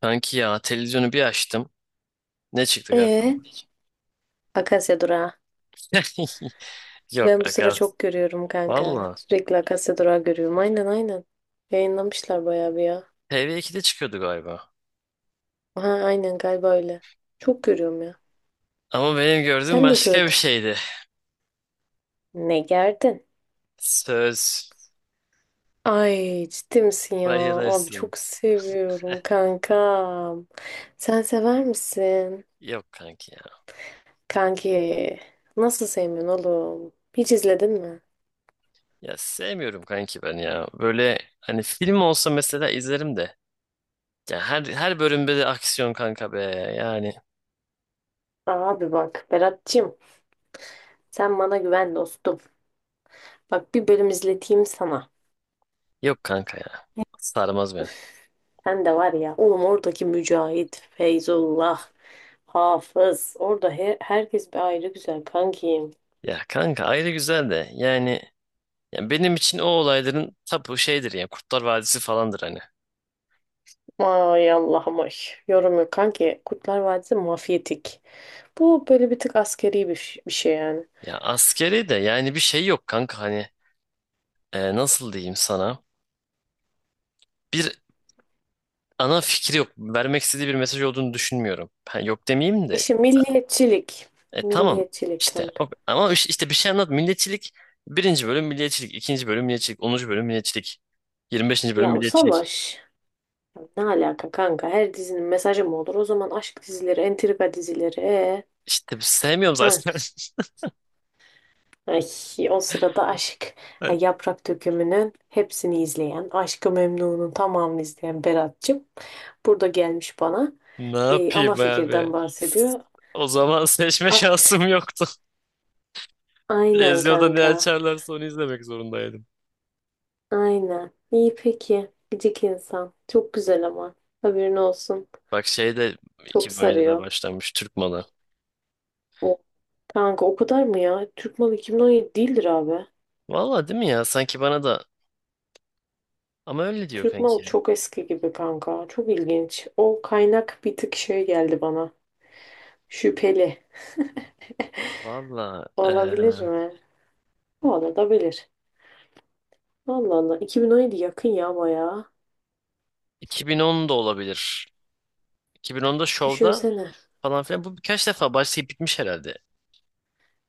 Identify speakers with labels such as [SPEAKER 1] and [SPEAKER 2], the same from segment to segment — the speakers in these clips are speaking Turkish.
[SPEAKER 1] Kanki ya televizyonu bir açtım. Ne çıktı karşıma?
[SPEAKER 2] Ee, Akasya durağı.
[SPEAKER 1] Yok
[SPEAKER 2] Ben bu sıra
[SPEAKER 1] Akaz.
[SPEAKER 2] çok görüyorum kanka.
[SPEAKER 1] Valla.
[SPEAKER 2] Sürekli Akasya durağı görüyorum. Aynen, aynen. Yayınlamışlar bayağı bir ya.
[SPEAKER 1] TV2'de çıkıyordu galiba.
[SPEAKER 2] Ha, aynen galiba öyle. Çok görüyorum ya.
[SPEAKER 1] Ama benim gördüğüm
[SPEAKER 2] Sen de
[SPEAKER 1] başka bir
[SPEAKER 2] gördün.
[SPEAKER 1] şeydi.
[SPEAKER 2] Ne gerdin?
[SPEAKER 1] Söz.
[SPEAKER 2] Ay, ciddi misin ya? Abi
[SPEAKER 1] Bayılırsın.
[SPEAKER 2] çok seviyorum kankam. Sen sever misin?
[SPEAKER 1] Yok kanki ya.
[SPEAKER 2] Kanki, nasıl sevmiyorsun oğlum? Hiç izledin mi?
[SPEAKER 1] Ya sevmiyorum kanki ben ya. Böyle hani film olsa mesela izlerim de. Ya her bölümde de aksiyon kanka be. Yani
[SPEAKER 2] Abi bak Berat'cığım, sen bana güven dostum. Bak, bir bölüm izleteyim sana.
[SPEAKER 1] yok kanka ya. Sarmaz beni.
[SPEAKER 2] Öf, sen de var ya oğlum, oradaki Mücahit, Feyzullah, Hafız. Orada herkes bir ayrı güzel kankim.
[SPEAKER 1] Ya kanka ayrı güzel de yani ya benim için o olayların tapu şeydir ya Kurtlar Vadisi falandır hani.
[SPEAKER 2] Ay Allah'ım ay. Yorum yok kanki. Kurtlar Vadisi mafyatik. Bu böyle bir tık askeri bir, bir şey yani.
[SPEAKER 1] Ya askeri de yani bir şey yok kanka hani, nasıl diyeyim sana, bir ana fikri yok, vermek istediği bir mesaj olduğunu düşünmüyorum. Ben yok demeyeyim de
[SPEAKER 2] İşte
[SPEAKER 1] sen.
[SPEAKER 2] milliyetçilik.
[SPEAKER 1] Tamam
[SPEAKER 2] Milliyetçilik
[SPEAKER 1] işte,
[SPEAKER 2] kanka.
[SPEAKER 1] ama işte bir şey anlat: milliyetçilik. Birinci bölüm milliyetçilik, ikinci bölüm milliyetçilik, 10. bölüm milliyetçilik, 25. bölüm
[SPEAKER 2] Ya, o
[SPEAKER 1] milliyetçilik.
[SPEAKER 2] savaş. Ya ne alaka kanka? Her dizinin mesajı mı olur? O zaman aşk dizileri, entrika dizileri. Ee,
[SPEAKER 1] İşte sevmiyorum
[SPEAKER 2] ha.
[SPEAKER 1] zaten.
[SPEAKER 2] Ay, o sırada aşk, yaprak dökümünün hepsini izleyen, Aşk-ı Memnu'nun tamamını izleyen Berat'cığım burada gelmiş bana.
[SPEAKER 1] Ne
[SPEAKER 2] Ana
[SPEAKER 1] yapayım
[SPEAKER 2] fikirden
[SPEAKER 1] abi?
[SPEAKER 2] bahsediyor.
[SPEAKER 1] O zaman seçme
[SPEAKER 2] Ah,
[SPEAKER 1] şansım yoktu.
[SPEAKER 2] aynen
[SPEAKER 1] Televizyonda ne
[SPEAKER 2] kanka.
[SPEAKER 1] açarlarsa onu izlemek zorundaydım.
[SPEAKER 2] Aynen. İyi peki. Gıcık insan. Çok güzel ama. Haberin olsun.
[SPEAKER 1] Bak, şey de
[SPEAKER 2] Çok
[SPEAKER 1] 2017'de
[SPEAKER 2] sarıyor.
[SPEAKER 1] başlanmış, Türk malı.
[SPEAKER 2] O, kanka o kadar mı ya? Türk malı 2017 değildir abi.
[SPEAKER 1] Valla değil mi ya? Sanki bana da, ama öyle diyor
[SPEAKER 2] Türk
[SPEAKER 1] kanki.
[SPEAKER 2] malı çok eski gibi kanka. Çok ilginç. O kaynak bir tık şey geldi bana. Şüpheli.
[SPEAKER 1] Valla,
[SPEAKER 2] Olabilir mi? Olabilir. Allah Allah. 2017 yakın ya bayağı.
[SPEAKER 1] 2010 da olabilir. 2010'da Show'da
[SPEAKER 2] Düşünsene.
[SPEAKER 1] falan filan. Bu birkaç defa başlayıp bitmiş herhalde.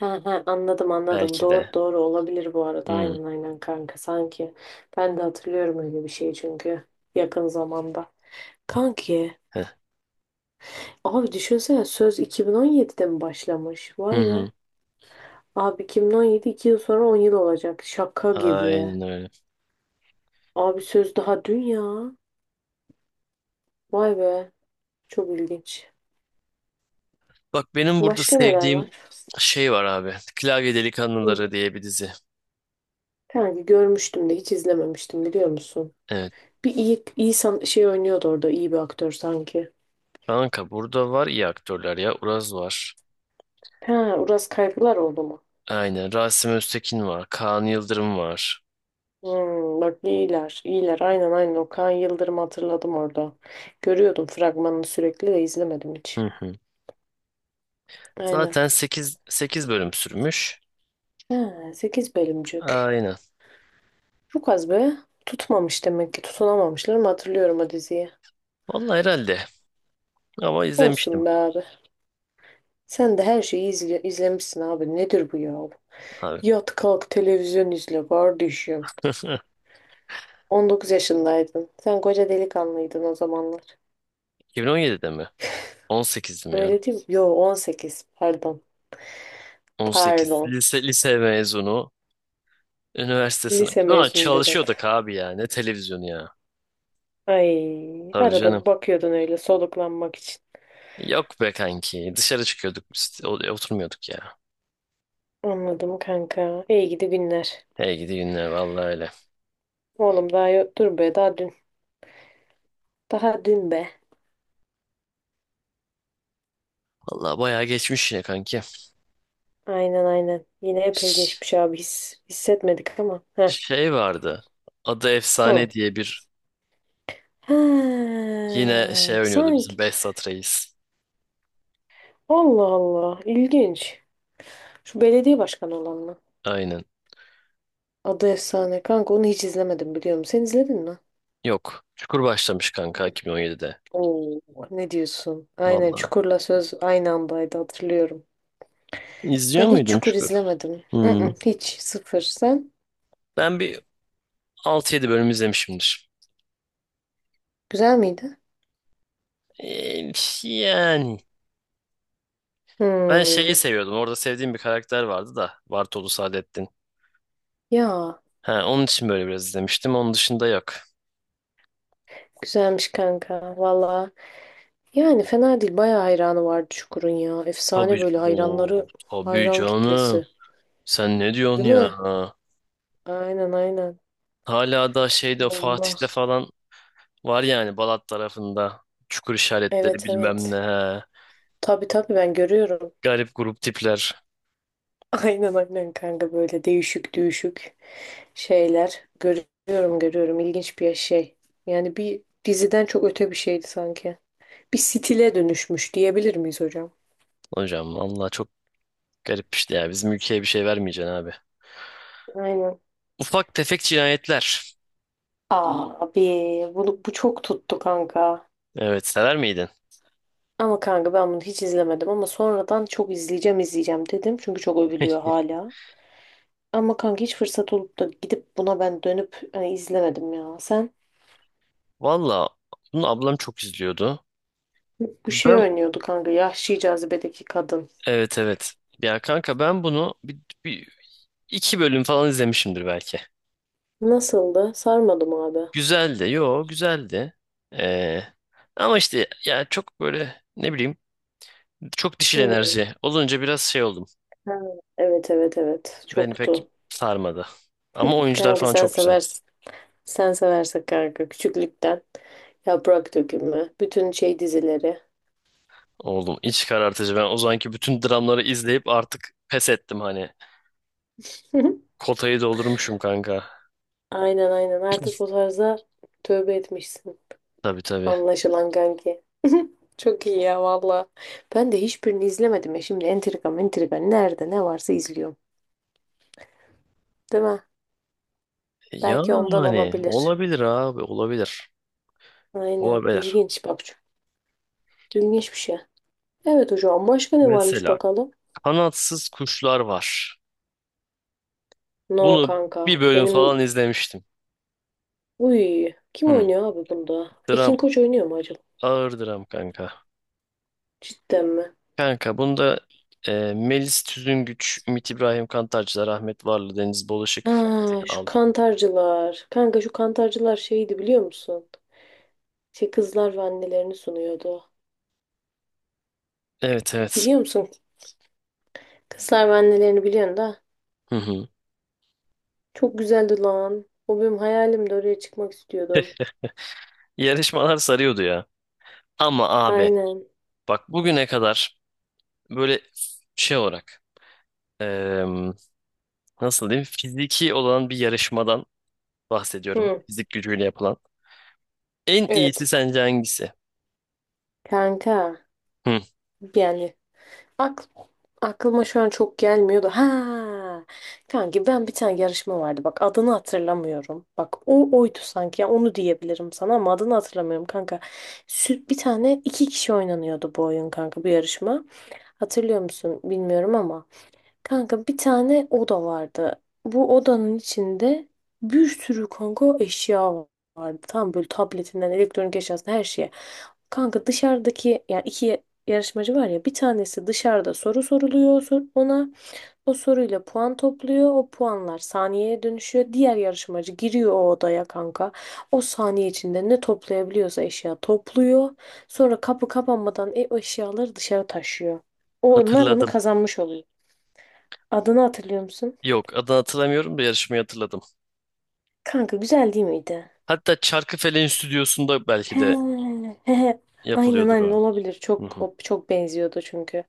[SPEAKER 2] He he, anladım, anladım.
[SPEAKER 1] Belki
[SPEAKER 2] Doğru,
[SPEAKER 1] de.
[SPEAKER 2] doğru, olabilir bu arada.
[SPEAKER 1] Hmm.
[SPEAKER 2] Aynen, aynen kanka sanki. Ben de hatırlıyorum öyle bir şey çünkü. Yakın zamanda. Kanki.
[SPEAKER 1] Heh.
[SPEAKER 2] Abi düşünsene, söz 2017'de mi başlamış?
[SPEAKER 1] Hı
[SPEAKER 2] Vay be.
[SPEAKER 1] hı.
[SPEAKER 2] Abi 2017, 2 yıl sonra 10 yıl olacak. Şaka gibi.
[SPEAKER 1] Aynen öyle.
[SPEAKER 2] Abi söz daha dün ya. Vay be. Çok ilginç.
[SPEAKER 1] Bak, benim burada
[SPEAKER 2] Başka neler
[SPEAKER 1] sevdiğim
[SPEAKER 2] var?
[SPEAKER 1] şey var abi. Klavye
[SPEAKER 2] Hı.
[SPEAKER 1] Delikanlıları diye bir dizi.
[SPEAKER 2] Kanki görmüştüm de hiç izlememiştim, biliyor musun?
[SPEAKER 1] Evet.
[SPEAKER 2] Bir iyi şey oynuyordu orada, iyi bir aktör sanki.
[SPEAKER 1] Kanka burada var iyi aktörler ya. Uraz var.
[SPEAKER 2] Ha, Uras Kaygılar oldu mu?
[SPEAKER 1] Aynen. Rasim Öztekin var. Kaan Yıldırım var.
[SPEAKER 2] Hmm, bak iyiler, iyiler. Aynen, aynen, Okan Yıldırım hatırladım orada. Görüyordum fragmanını sürekli de izlemedim hiç.
[SPEAKER 1] Hı hı.
[SPEAKER 2] Aynen.
[SPEAKER 1] Zaten sekiz bölüm sürmüş.
[SPEAKER 2] Ha, 8 bölümcük.
[SPEAKER 1] Aynen.
[SPEAKER 2] Çok az be. Tutmamış demek ki. Tutunamamışlar mı, hatırlıyorum o diziyi.
[SPEAKER 1] Vallahi herhalde. Ama izlemiştim
[SPEAKER 2] Olsun be abi. Sen de her şeyi izlemişsin abi. Nedir bu ya?
[SPEAKER 1] abi.
[SPEAKER 2] Yat kalk televizyon izle kardeşim. 19 yaşındaydın. Sen koca delikanlıydın o zamanlar.
[SPEAKER 1] 2017'de mi? 18'dim ya.
[SPEAKER 2] Öyle değil mi? Yo, 18. Pardon.
[SPEAKER 1] 18.
[SPEAKER 2] Pardon.
[SPEAKER 1] Lise mezunu. Üniversite sınavı.
[SPEAKER 2] Lise
[SPEAKER 1] Ulan
[SPEAKER 2] mezunu Berat.
[SPEAKER 1] çalışıyorduk abi ya. Ne televizyonu ya.
[SPEAKER 2] Ay,
[SPEAKER 1] Tabii
[SPEAKER 2] arada
[SPEAKER 1] canım.
[SPEAKER 2] bir bakıyordun öyle, soluklanmak için.
[SPEAKER 1] Yok be kanki. Dışarı çıkıyorduk biz. Oturmuyorduk ya.
[SPEAKER 2] Anladım kanka. İyi gidi günler.
[SPEAKER 1] Hey gidi günler, vallahi öyle.
[SPEAKER 2] Oğlum daha yok. Dur be, daha dün. Daha dün be.
[SPEAKER 1] Vallahi bayağı geçmiş yine kanki.
[SPEAKER 2] Aynen, aynen. Yine epey
[SPEAKER 1] Ş-
[SPEAKER 2] geçmiş abi. Hissetmedik ama. Heh.
[SPEAKER 1] Şey vardı, adı Efsane
[SPEAKER 2] Hı.
[SPEAKER 1] diye bir.
[SPEAKER 2] Ha,
[SPEAKER 1] Yine şey oynuyordu,
[SPEAKER 2] sanki.
[SPEAKER 1] bizim Behzat Reis.
[SPEAKER 2] Allah Allah. İlginç. Şu belediye başkanı olan mı?
[SPEAKER 1] Aynen.
[SPEAKER 2] Adı efsane. Kanka onu hiç izlemedim, biliyorum. Sen izledin mi?
[SPEAKER 1] Yok. Çukur başlamış kanka 2017'de.
[SPEAKER 2] Oo, ne diyorsun? Aynen,
[SPEAKER 1] Vallahi.
[SPEAKER 2] Çukur'la Söz aynı andaydı hatırlıyorum.
[SPEAKER 1] İzliyor
[SPEAKER 2] Ben hiç
[SPEAKER 1] muydun
[SPEAKER 2] Çukur
[SPEAKER 1] Çukur?
[SPEAKER 2] izlemedim.
[SPEAKER 1] Hmm.
[SPEAKER 2] Mm-mm, hiç sıfır. Sen?
[SPEAKER 1] Ben bir 6 yedi bölüm izlemişimdir.
[SPEAKER 2] Güzel miydi?
[SPEAKER 1] Ee, yani. Ben şeyi
[SPEAKER 2] Hmm.
[SPEAKER 1] seviyordum, orada sevdiğim bir karakter vardı da: Bartolu Saadettin.
[SPEAKER 2] Ya,
[SPEAKER 1] Ha, onun için böyle biraz izlemiştim. Onun dışında yok.
[SPEAKER 2] güzelmiş kanka valla. Yani fena değil. Bayağı hayranı vardı Çukur'un ya. Efsane
[SPEAKER 1] Tabii.
[SPEAKER 2] böyle
[SPEAKER 1] Oo,
[SPEAKER 2] hayranları,
[SPEAKER 1] tabii
[SPEAKER 2] hayran
[SPEAKER 1] canım.
[SPEAKER 2] kitlesi.
[SPEAKER 1] Sen ne diyorsun
[SPEAKER 2] Değil
[SPEAKER 1] ya?
[SPEAKER 2] mi? Aynen, aynen.
[SPEAKER 1] Hala da şeyde,
[SPEAKER 2] Bomba.
[SPEAKER 1] Fatih'te falan var yani, Balat tarafında. Çukur işaretleri
[SPEAKER 2] Evet,
[SPEAKER 1] bilmem ne.
[SPEAKER 2] evet.
[SPEAKER 1] He.
[SPEAKER 2] Tabii, tabii ben görüyorum.
[SPEAKER 1] Garip grup tipler.
[SPEAKER 2] Aynen, aynen kanka, böyle değişik, düşük şeyler görüyorum, görüyorum, ilginç bir şey. Yani bir diziden çok öte bir şeydi sanki. Bir stile dönüşmüş diyebilir miyiz hocam?
[SPEAKER 1] Hocam Allah çok garip işte ya. Bizim ülkeye bir şey vermeyeceksin abi.
[SPEAKER 2] Aynen.
[SPEAKER 1] Ufak tefek cinayetler.
[SPEAKER 2] Abi bunu, bu çok tuttu kanka.
[SPEAKER 1] Evet, sever miydin?
[SPEAKER 2] Ama kanka ben bunu hiç izlemedim, ama sonradan çok izleyeceğim, izleyeceğim dedim. Çünkü çok övülüyor hala. Ama kanka hiç fırsat olup da gidip buna ben dönüp hani izlemedim ya. Sen,
[SPEAKER 1] Valla bunu ablam çok izliyordu.
[SPEAKER 2] bu şey
[SPEAKER 1] Ben,
[SPEAKER 2] oynuyordu kanka, Yahşi Cazibe'deki kadın.
[SPEAKER 1] evet evet. Ya kanka, ben bunu bir- iki bölüm falan izlemişimdir belki.
[SPEAKER 2] Nasıldı? Sarmadım abi.
[SPEAKER 1] Güzeldi. Yo, güzeldi. Ee, ama işte ya, çok böyle ne bileyim, çok dişil
[SPEAKER 2] Hmm.
[SPEAKER 1] enerji olunca biraz şey oldum.
[SPEAKER 2] Ha, evet, evet, evet,
[SPEAKER 1] Beni pek
[SPEAKER 2] çoktu.
[SPEAKER 1] sarmadı. Ama oyuncular
[SPEAKER 2] Kanka
[SPEAKER 1] falan
[SPEAKER 2] sen
[SPEAKER 1] çok güzel.
[SPEAKER 2] seversin. Sen seversen kanka küçüklükten yaprak dökümü, bütün şey dizileri.
[SPEAKER 1] Oğlum, iç karartıcı. Ben o zamanki bütün dramları izleyip artık pes ettim hani. Kotayı doldurmuşum kanka.
[SPEAKER 2] Aynen, aynen, artık bu tarza tövbe etmişsin.
[SPEAKER 1] Tabii tabii.
[SPEAKER 2] Anlaşılan kanki. Çok iyi ya valla. Ben de hiçbirini izlemedim ya. Şimdi entrika, entrika nerede ne varsa izliyorum. Değil mi? Belki ondan
[SPEAKER 1] Yani
[SPEAKER 2] olabilir.
[SPEAKER 1] olabilir abi, olabilir.
[SPEAKER 2] Aynen,
[SPEAKER 1] Olabilir.
[SPEAKER 2] ilginç babacığım. İlginç bir şey. Evet hocam, başka ne varmış
[SPEAKER 1] Mesela
[SPEAKER 2] bakalım?
[SPEAKER 1] kanatsız kuşlar var.
[SPEAKER 2] No
[SPEAKER 1] Bunu
[SPEAKER 2] kanka.
[SPEAKER 1] bir bölüm falan izlemiştim.
[SPEAKER 2] Uy, kim
[SPEAKER 1] Hı.
[SPEAKER 2] oynuyor abi bunda?
[SPEAKER 1] Dram,
[SPEAKER 2] Ekin Koç oynuyor mu acaba?
[SPEAKER 1] ağır dram kanka.
[SPEAKER 2] Cidden mi?
[SPEAKER 1] Kanka bunda Melis Tüzüngüç, Ümit İbrahim Kantarcılar, Ahmet Varlı, Deniz Bolaşık, Fatih
[SPEAKER 2] Ha, şu
[SPEAKER 1] Al.
[SPEAKER 2] kantarcılar. Kanka şu kantarcılar şeydi, biliyor musun? Şey kızlar ve annelerini sunuyordu.
[SPEAKER 1] Evet evet.
[SPEAKER 2] Biliyor musun? Kızlar ve annelerini biliyorsun da.
[SPEAKER 1] Hı hı.
[SPEAKER 2] Çok güzeldi lan. O benim hayalimdi, oraya çıkmak istiyordum.
[SPEAKER 1] Yarışmalar sarıyordu ya. Ama abi
[SPEAKER 2] Aynen.
[SPEAKER 1] bak, bugüne kadar böyle şey olarak, nasıl diyeyim, fiziki olan bir yarışmadan bahsediyorum.
[SPEAKER 2] Hı,
[SPEAKER 1] Fizik gücüyle yapılan. En iyisi
[SPEAKER 2] evet.
[SPEAKER 1] sence hangisi?
[SPEAKER 2] Kanka.
[SPEAKER 1] Hı,
[SPEAKER 2] Yani Ak- aklıma şu an çok gelmiyordu. Ha, kanki ben, bir tane yarışma vardı. Bak, adını hatırlamıyorum. Bak, o oydu sanki. Ya onu diyebilirim sana, ama adını hatırlamıyorum kanka. Bir tane iki kişi oynanıyordu bu oyun kanka, bu yarışma. Hatırlıyor musun bilmiyorum ama. Kanka bir tane oda vardı. Bu odanın içinde bir sürü kanka eşya vardı. Tam böyle tabletinden elektronik eşyasına her şeye. Kanka dışarıdaki yani iki yarışmacı var ya, bir tanesi dışarıda soru soruluyor ona. O soruyla puan topluyor. O puanlar saniyeye dönüşüyor. Diğer yarışmacı giriyor o odaya kanka. O saniye içinde ne toplayabiliyorsa eşya topluyor. Sonra kapı kapanmadan o eşyaları dışarı taşıyor. Onlar onu
[SPEAKER 1] hatırladım.
[SPEAKER 2] kazanmış oluyor. Adını hatırlıyor musun?
[SPEAKER 1] Yok, adını hatırlamıyorum da yarışmayı hatırladım.
[SPEAKER 2] Kanka güzel değil miydi?
[SPEAKER 1] Hatta Çarkıfelek'in stüdyosunda belki
[SPEAKER 2] He,
[SPEAKER 1] de
[SPEAKER 2] he, he. Aynen,
[SPEAKER 1] yapılıyordur
[SPEAKER 2] aynen
[SPEAKER 1] o.
[SPEAKER 2] olabilir.
[SPEAKER 1] Hı
[SPEAKER 2] Çok
[SPEAKER 1] hı.
[SPEAKER 2] çok benziyordu çünkü.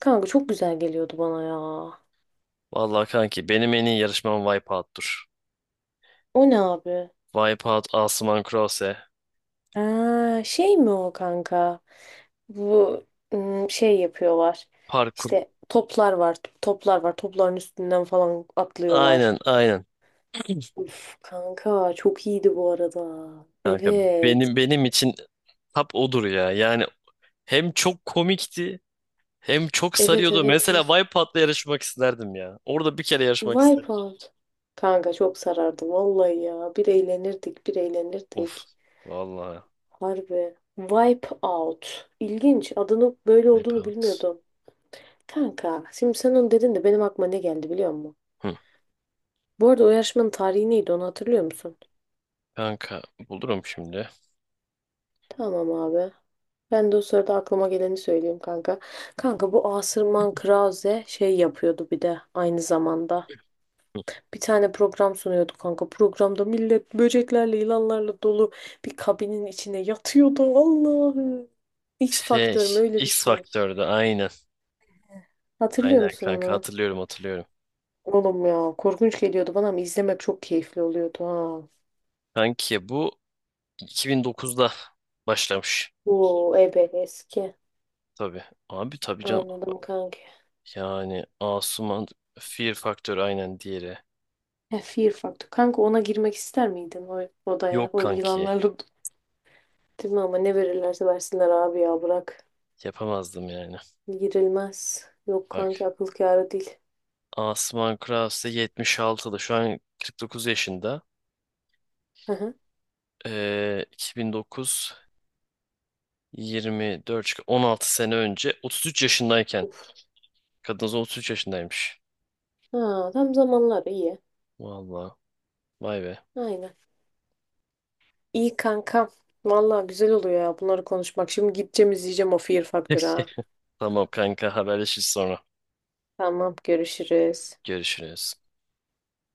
[SPEAKER 2] Kanka çok güzel geliyordu bana ya.
[SPEAKER 1] Vallahi kanki, benim en iyi yarışmam Wipeout'tur.
[SPEAKER 2] O ne abi?
[SPEAKER 1] Wipeout, Asuman Krause,
[SPEAKER 2] Ha, şey mi o kanka? Bu şey yapıyorlar.
[SPEAKER 1] parkur.
[SPEAKER 2] İşte toplar var. Toplar var. Topların üstünden falan
[SPEAKER 1] Aynen
[SPEAKER 2] atlıyorlar.
[SPEAKER 1] aynen
[SPEAKER 2] Uf kanka çok iyiydi bu arada.
[SPEAKER 1] kanka.
[SPEAKER 2] Evet.
[SPEAKER 1] Benim için tap odur ya. Yani hem çok komikti hem çok
[SPEAKER 2] Evet,
[SPEAKER 1] sarıyordu.
[SPEAKER 2] evet.
[SPEAKER 1] Mesela
[SPEAKER 2] Evet.
[SPEAKER 1] Wipeout'la yarışmak isterdim ya. Orada bir kere yarışmak isterdim.
[SPEAKER 2] Wipeout. Kanka çok sarardı vallahi ya. Bir eğlenirdik, bir
[SPEAKER 1] Of.
[SPEAKER 2] eğlenirdik.
[SPEAKER 1] Vallahi.
[SPEAKER 2] Harbi. Wipeout. İlginç. Adının böyle olduğunu
[SPEAKER 1] Wipeout.
[SPEAKER 2] bilmiyordum. Kanka, şimdi sen onu dedin de benim aklıma ne geldi biliyor musun?
[SPEAKER 1] Hı.
[SPEAKER 2] Bu arada o yarışmanın tarihi neydi, onu hatırlıyor musun?
[SPEAKER 1] Kanka bulurum şimdi.
[SPEAKER 2] Tamam abi. Ben de o sırada aklıma geleni söyleyeyim kanka. Kanka bu Asırman Krause şey yapıyordu bir de aynı zamanda.
[SPEAKER 1] Hı.
[SPEAKER 2] Bir tane program sunuyordu kanka. Programda millet böceklerle, yılanlarla dolu bir kabinin içine yatıyordu. Allah'ım. X
[SPEAKER 1] Şey,
[SPEAKER 2] Faktör mü, öyle bir
[SPEAKER 1] X
[SPEAKER 2] şey.
[SPEAKER 1] Faktör'de aynen.
[SPEAKER 2] Hatırlıyor
[SPEAKER 1] Aynen
[SPEAKER 2] musun
[SPEAKER 1] kanka,
[SPEAKER 2] onu?
[SPEAKER 1] hatırlıyorum hatırlıyorum.
[SPEAKER 2] Oğlum ya korkunç geliyordu bana, ama izlemek çok keyifli oluyordu ha.
[SPEAKER 1] Kanki bu 2009'da başlamış.
[SPEAKER 2] Oo, ebe eski.
[SPEAKER 1] Tabii. Abi tabii canım.
[SPEAKER 2] Anladım kanka.
[SPEAKER 1] Yani Asuman, Fear Faktör aynen diğeri.
[SPEAKER 2] He, Fear Factor. Kanka ona girmek ister miydin, o odaya?
[SPEAKER 1] Yok
[SPEAKER 2] O
[SPEAKER 1] kanki.
[SPEAKER 2] yılanlarla. Değil mi ama, ne verirlerse versinler abi ya, bırak.
[SPEAKER 1] Yapamazdım yani.
[SPEAKER 2] Girilmez. Yok kanki,
[SPEAKER 1] Bak.
[SPEAKER 2] akıl kârı değil.
[SPEAKER 1] Asuman Krause 76'da, şu an 49 yaşında.
[SPEAKER 2] Hı hı.
[SPEAKER 1] 2009, 24, 16 sene önce, 33 yaşındayken. Kadınız 33 yaşındaymış.
[SPEAKER 2] Ha, tam zamanlar iyi.
[SPEAKER 1] Vallahi, vay be.
[SPEAKER 2] Aynen. İyi kanka. Vallahi güzel oluyor ya bunları konuşmak. Şimdi gideceğim izleyeceğim o Fear Factor'ı ha.
[SPEAKER 1] Tamam kanka, haberleşiriz sonra.
[SPEAKER 2] Tamam, görüşürüz.
[SPEAKER 1] Görüşürüz.